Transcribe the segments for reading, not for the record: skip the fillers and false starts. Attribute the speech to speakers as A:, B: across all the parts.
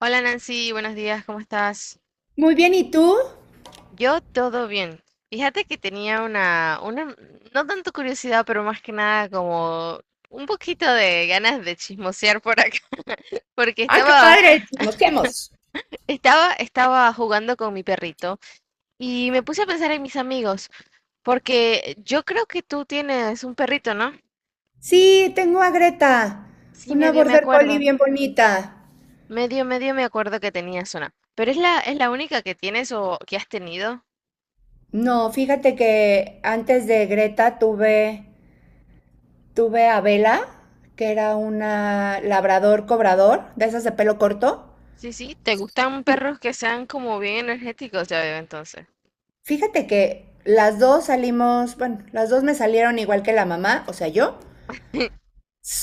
A: Hola Nancy, buenos días, ¿cómo estás?
B: Muy bien, ¿y tú?
A: Yo todo bien. Fíjate que tenía una, no tanto curiosidad, pero más que nada como un poquito de ganas de chismosear por acá, porque
B: ¡Ay, qué
A: estaba,
B: padre! ¡Nos conocemos!
A: estaba, estaba jugando con mi perrito y me puse a pensar en mis amigos, porque yo creo que tú tienes un perrito, ¿no?
B: Sí, tengo a Greta,
A: Sí,
B: una
A: medio me
B: border collie
A: acuerdo,
B: bien bonita.
A: medio me acuerdo que tenías una, pero es la única que tienes o que has tenido.
B: No, fíjate que antes de Greta tuve a Bella, que era una labrador cobrador, de esas de pelo corto.
A: Sí, sí, te gustan perros que sean como bien energéticos, ya veo entonces.
B: Fíjate que las dos salimos, bueno, las dos me salieron igual que la mamá, o sea, yo,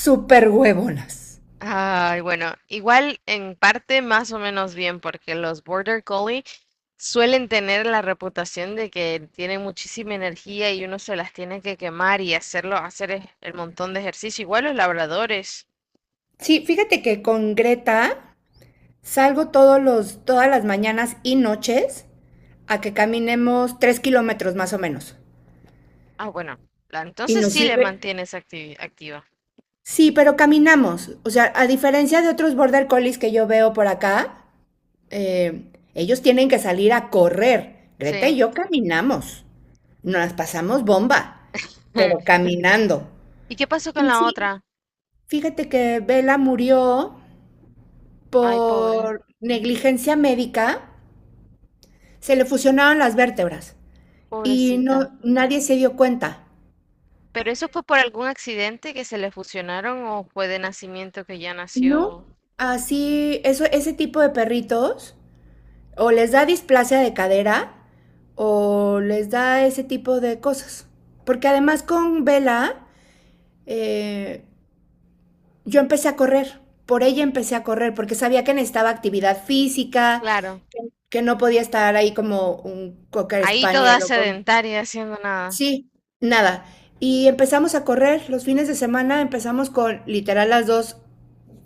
B: súper huevonas.
A: Ay, bueno, igual en parte más o menos bien, porque los Border Collie suelen tener la reputación de que tienen muchísima energía y uno se las tiene que quemar y hacerlo, hacer el montón de ejercicio. Igual los labradores.
B: Sí, fíjate que con Greta salgo todas las mañanas y noches a que caminemos 3 kilómetros más o menos.
A: Ah, bueno,
B: Y
A: entonces
B: nos
A: sí le
B: sirve.
A: mantienes activa.
B: Sí, pero caminamos. O sea, a diferencia de otros border collies que yo veo por acá, ellos tienen que salir a correr. Greta y
A: Sí.
B: yo caminamos. Nos las pasamos bomba, pero caminando.
A: ¿Y qué pasó con
B: Y
A: la
B: sí,
A: otra?
B: fíjate que Bella murió
A: Ay, pobre,
B: por negligencia médica. Se le fusionaron las vértebras. Y
A: pobrecita.
B: no, nadie se dio cuenta.
A: ¿Pero eso fue por algún accidente que se le fusionaron o fue de nacimiento que ya
B: No,
A: nació?
B: así, eso, ese tipo de perritos o les da displasia de cadera o les da ese tipo de cosas. Porque además con Vela, eh, yo empecé a correr. Por ella empecé a correr porque sabía que necesitaba actividad física,
A: Claro,
B: que no podía estar ahí como un cocker
A: ahí toda
B: spaniel o con.
A: sedentaria haciendo nada.
B: Sí, nada. Y empezamos a correr los fines de semana, empezamos con literal las dos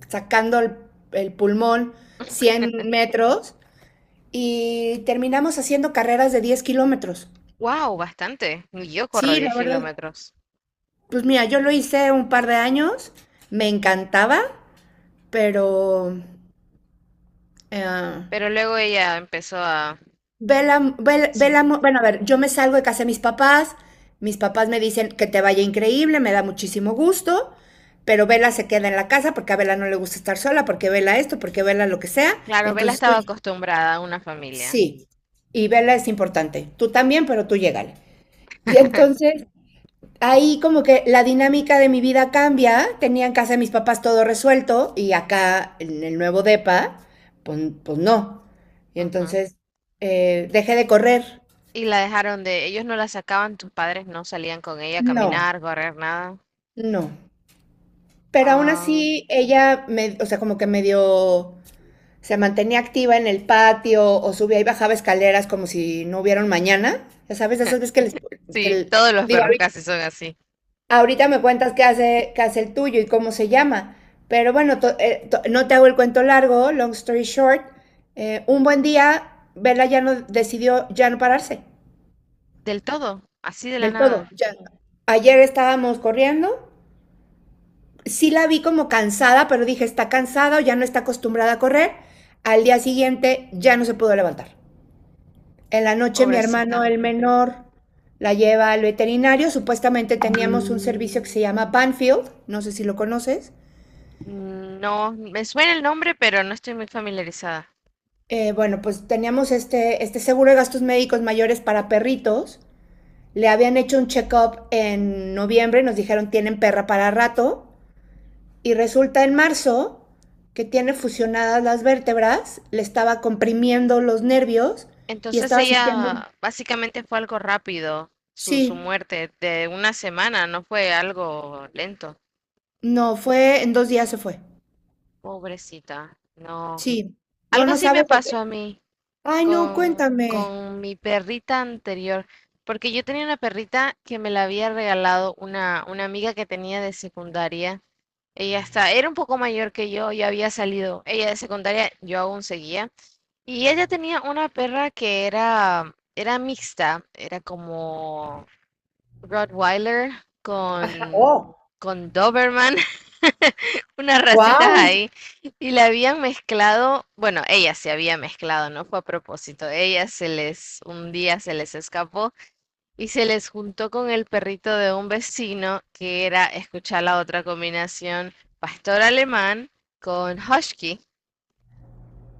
B: sacando el pulmón 100 metros y terminamos haciendo carreras de 10 kilómetros.
A: Wow, bastante. Ni yo corro
B: Sí, la
A: 10
B: verdad.
A: kilómetros.
B: Pues mira, yo lo hice un par de años, me encantaba, pero eh,
A: Pero luego ella empezó a... Sí.
B: bueno, a ver, yo me salgo de casa de mis papás me dicen que te vaya increíble, me da muchísimo gusto, pero Vela se queda en la casa porque a Vela no le gusta estar sola, porque Vela esto, porque Vela lo que sea, y
A: Claro, Bella
B: entonces tú.
A: estaba acostumbrada a una familia.
B: Sí, y verla es importante. Tú también, pero tú llégale. Y entonces ahí como que la dinámica de mi vida cambia. Tenía en casa de mis papás todo resuelto y acá en el nuevo depa, pues, no. Y
A: Ujú.
B: entonces dejé de correr.
A: Y la dejaron de... Ellos no la sacaban, tus padres no salían con ella a
B: No,
A: caminar, correr, nada.
B: no. Pero aún
A: Ah,
B: así ella, me, o sea, como que medio se mantenía activa en el patio o subía y bajaba escaleras como si no hubiera un mañana. Ya sabes, esas veces que les.
A: sí, todos los
B: Digo,
A: perros casi son así.
B: ahorita me cuentas qué hace el tuyo y cómo se llama. Pero bueno, no te hago el cuento largo, long story short. Un buen día, Vela ya no decidió ya no pararse
A: Del todo, así de la
B: del todo.
A: nada.
B: Ya. Ayer estábamos corriendo. Sí la vi como cansada, pero dije, está cansada o ya no está acostumbrada a correr. Al día siguiente ya no se pudo levantar. En la noche mi hermano,
A: Pobrecita.
B: el menor, la lleva al veterinario. Supuestamente teníamos un servicio que se llama Banfield, no sé si lo conoces.
A: Mm, no, me suena el nombre, pero no estoy muy familiarizada.
B: Bueno, pues teníamos este seguro de gastos médicos mayores para perritos. Le habían hecho un check-up en noviembre, nos dijeron tienen perra para rato. Y resulta en marzo que tiene fusionadas las vértebras, le estaba comprimiendo los nervios y
A: Entonces
B: estaba sintiendo un.
A: ella básicamente fue algo rápido, su
B: Sí,
A: muerte de una semana, no fue algo lento.
B: no, fue en 2 días se fue.
A: Pobrecita, no.
B: Sí, no,
A: Algo
B: no
A: así me
B: sabes lo
A: pasó
B: que.
A: a mí
B: Ay, no, cuéntame.
A: con mi perrita anterior, porque yo tenía una perrita que me la había regalado una amiga que tenía de secundaria. Ella está, era un poco mayor que yo, ya había salido. Ella de secundaria, yo aún seguía. Y ella tenía una perra que era mixta, era como Rottweiler
B: Ajá,
A: con,
B: oh,
A: con Doberman, unas racitas
B: wow.
A: ahí. Y la habían mezclado, bueno, ella se había mezclado, no fue a propósito. Ella se les, un día se les escapó y se les juntó con el perrito de un vecino que era, escuchar la otra combinación, pastor alemán con husky.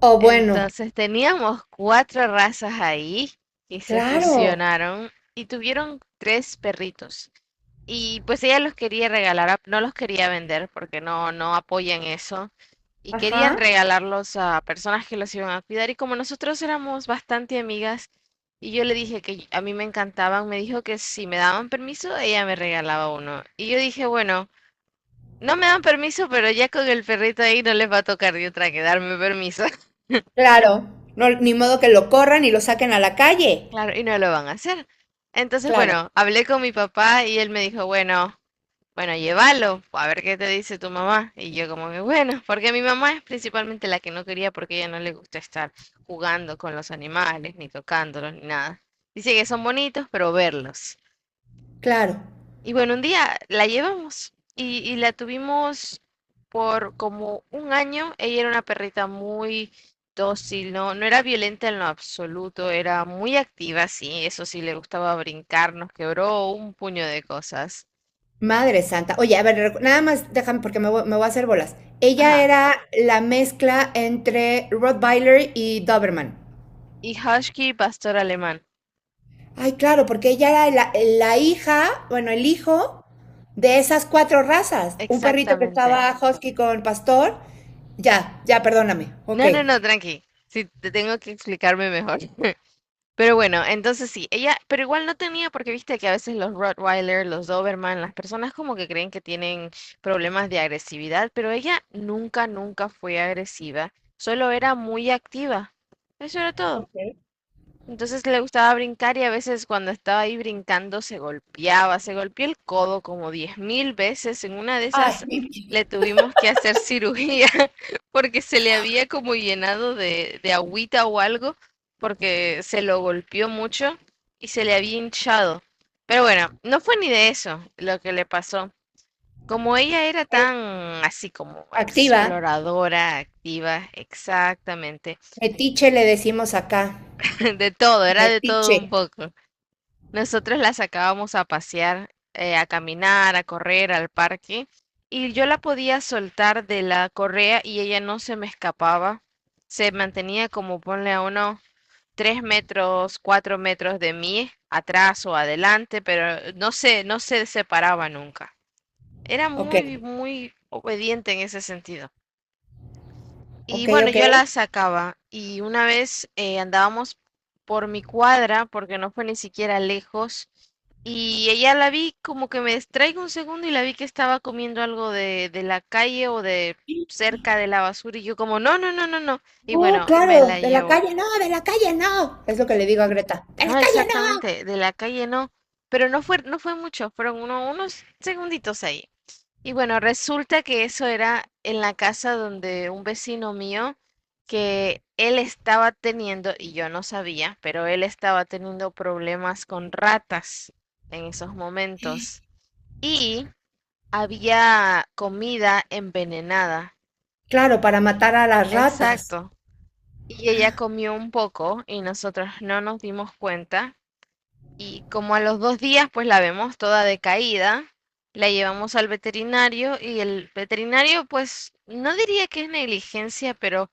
B: Oh, bueno,
A: Entonces teníamos cuatro razas ahí y se
B: claro.
A: fusionaron y tuvieron tres perritos. Y pues ella los quería regalar, no los quería vender porque no, no apoyan eso. Y querían
B: Ajá.
A: regalarlos a personas que los iban a cuidar. Y como nosotros éramos bastante amigas y yo le dije que a mí me encantaban, me dijo que si me daban permiso, ella me regalaba uno. Y yo dije, bueno, no me dan permiso, pero ya con el perrito ahí no les va a tocar de otra que darme permiso.
B: Claro, no, ni modo que lo corran y lo saquen a la calle.
A: Claro, y no lo van a hacer. Entonces,
B: Claro,
A: bueno, hablé con mi papá y él me dijo, bueno, bueno, llévalo, a ver qué te dice tu mamá. Y yo como que, bueno, porque mi mamá es principalmente la que no quería porque ella no le gusta estar jugando con los animales, ni tocándolos, ni nada. Dice que son bonitos, pero verlos.
B: claro.
A: Y bueno, un día la llevamos y la tuvimos por como un año. Ella era una perrita muy dócil, no, no era violenta en lo absoluto, era muy activa, sí, eso sí, le gustaba brincar, nos quebró un puño de cosas.
B: Madre santa. Oye, a ver, nada más déjame porque me voy, a hacer bolas. Ella
A: Ajá.
B: era la mezcla entre Rottweiler y Doberman.
A: Y husky, pastor alemán.
B: Ay, claro, porque ella era la hija, bueno, el hijo de esas cuatro razas. Un perrito que
A: Exactamente.
B: estaba husky con pastor. Ya, ya, perdóname. Ok.
A: No, no, no, tranqui. Sí, te tengo que explicarme mejor. Pero bueno, entonces sí, ella, pero igual no tenía, porque viste que a veces los Rottweiler, los Doberman, las personas como que creen que tienen problemas de agresividad, pero ella nunca, nunca fue agresiva, solo era muy activa. Eso era todo.
B: Ok.
A: Entonces le gustaba brincar y a veces cuando estaba ahí brincando se golpeaba, se golpeó el codo como 10.000 veces. En una de
B: Ay,
A: esas
B: mi vida.
A: le tuvimos que hacer cirugía porque se le había como llenado de agüita o algo porque se lo golpeó mucho y se le había hinchado. Pero bueno, no fue ni de eso lo que le pasó. Como ella era tan así como
B: Activa.
A: exploradora, activa, exactamente,
B: Metiche le decimos acá.
A: de todo, era de todo
B: Metiche.
A: un poco. Nosotros la sacábamos a pasear, a caminar, a correr al parque y yo la podía soltar de la correa y ella no se me escapaba. Se mantenía como ponle a unos 3 metros, 4 metros de mí, atrás o adelante, pero no se separaba nunca. Era
B: Ok,
A: muy, muy obediente en ese sentido. Y
B: ok,
A: bueno,
B: ok.
A: yo la sacaba y una vez andábamos por mi cuadra porque no fue ni siquiera lejos y ella la vi como que me distraigo un segundo y la vi que estaba comiendo algo de la calle o de cerca de la basura y yo como no, no, no, no, no y
B: No,
A: bueno, me
B: claro,
A: la
B: de la
A: llevo.
B: calle no, de la calle no. Es lo que le
A: Exacto.
B: digo a Greta. De la
A: No,
B: calle no.
A: exactamente, de la calle no, pero no fue, no fue mucho, fueron unos segunditos ahí. Y bueno, resulta que eso era en la casa donde un vecino mío, que él estaba teniendo, y yo no sabía, pero él estaba teniendo problemas con ratas en esos momentos. Y había comida envenenada.
B: Claro, para matar a las ratas.
A: Exacto. Y ella comió un poco y nosotros no nos dimos cuenta y como a los 2 días pues la vemos toda decaída, la llevamos al veterinario y el veterinario pues no diría que es negligencia, pero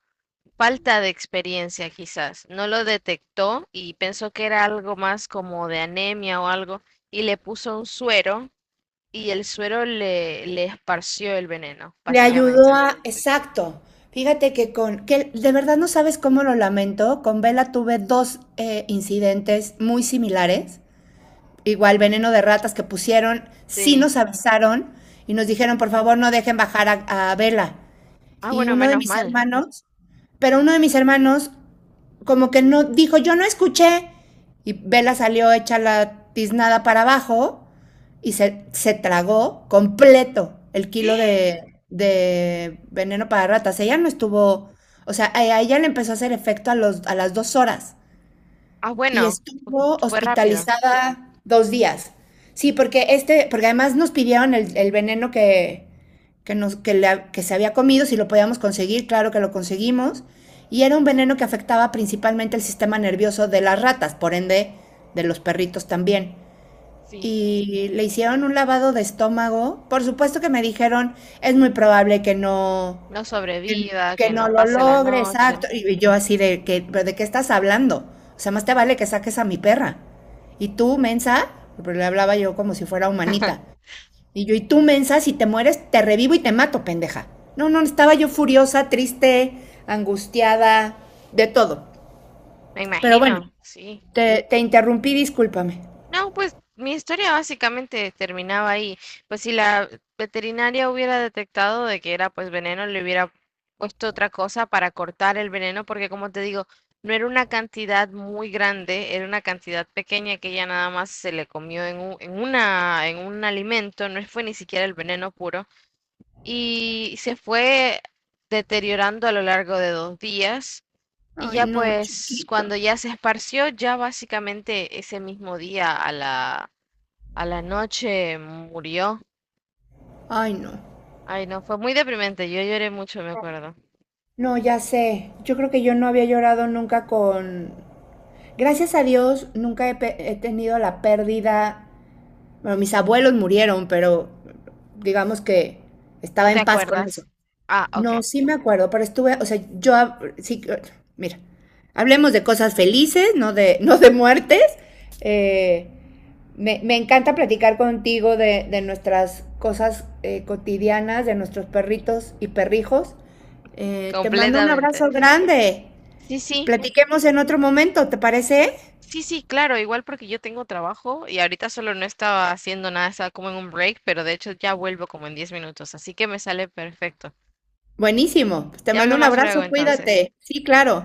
A: falta de experiencia quizás. No lo detectó y pensó que era algo más como de anemia o algo y le puso un suero y el suero le, le esparció el veneno,
B: Le ayudó
A: básicamente.
B: a. Exacto. Fíjate que de verdad no sabes cómo lo lamento. Con Vela tuve dos incidentes muy similares. Igual veneno de ratas que pusieron, sí
A: Sí.
B: nos avisaron y nos dijeron, por favor, no dejen bajar a, Vela.
A: Ah,
B: Y
A: bueno,
B: uno de
A: menos
B: mis
A: mal.
B: hermanos, pero uno de mis hermanos como que no, dijo, yo no escuché. Y Vela salió hecha la tiznada para abajo y se tragó completo el kilo de, de veneno para ratas. Ella no estuvo, o sea, a ella le empezó a hacer efecto a las 2 horas
A: Ah,
B: y
A: bueno,
B: estuvo
A: fue rápido.
B: hospitalizada 2 días. Sí, porque porque además nos pidieron el veneno que, nos, que, le- que se había comido, si lo podíamos conseguir, claro que lo conseguimos. Y era un veneno que afectaba principalmente el sistema nervioso de las ratas, por ende de los perritos también.
A: Sí.
B: Y le hicieron un lavado de estómago. Por supuesto que me dijeron, es muy probable que no,
A: No
B: que,
A: sobreviva,
B: que
A: que
B: no
A: no
B: lo
A: pase la
B: logre,
A: noche.
B: exacto. Y yo así de que, pero ¿de qué estás hablando? O sea, más te vale que saques a mi perra. Y tú, mensa, pero le hablaba yo como si fuera humanita. Y tú, mensa, si te mueres, te revivo y te mato, pendeja. No, no, estaba yo furiosa, triste, angustiada, de todo.
A: Me
B: Pero bueno,
A: imagino, sí.
B: te interrumpí, discúlpame.
A: No, pues mi historia básicamente terminaba ahí. Pues si la veterinaria hubiera detectado de que era pues veneno, le hubiera puesto otra cosa para cortar el veneno, porque como te digo, no era una cantidad muy grande, era una cantidad pequeña que ella nada más se le comió en un alimento, no fue ni siquiera el veneno puro, y se fue deteriorando a lo largo de 2 días. Y
B: Ay,
A: ya
B: no,
A: pues
B: chiquita.
A: cuando ya se esparció, ya básicamente ese mismo día a la noche murió.
B: Ay, no.
A: Ay, no, fue muy deprimente. Yo lloré mucho, me acuerdo.
B: No, ya sé. Yo creo que yo no había llorado nunca con. Gracias a Dios nunca he tenido la pérdida. Bueno, mis abuelos murieron, pero digamos que
A: ¿No
B: estaba
A: te
B: en paz con eso.
A: acuerdas? Ah,
B: No,
A: ok,
B: sí me acuerdo, pero estuve, o sea, yo, sí, mira, hablemos de cosas felices, no de muertes. Eh, me encanta platicar contigo de nuestras cosas cotidianas, de nuestros perritos y perrijos. Te mando un
A: completamente.
B: abrazo grande.
A: Sí, sí,
B: Platiquemos en otro momento, ¿te parece?
A: sí, sí, claro, igual porque yo tengo trabajo y ahorita solo no estaba haciendo nada, estaba como en un break, pero de hecho ya vuelvo como en 10 minutos, así que me sale perfecto.
B: Buenísimo. Pues te
A: Te
B: mando
A: hablo
B: un
A: más luego
B: abrazo,
A: entonces.
B: cuídate. Sí, claro.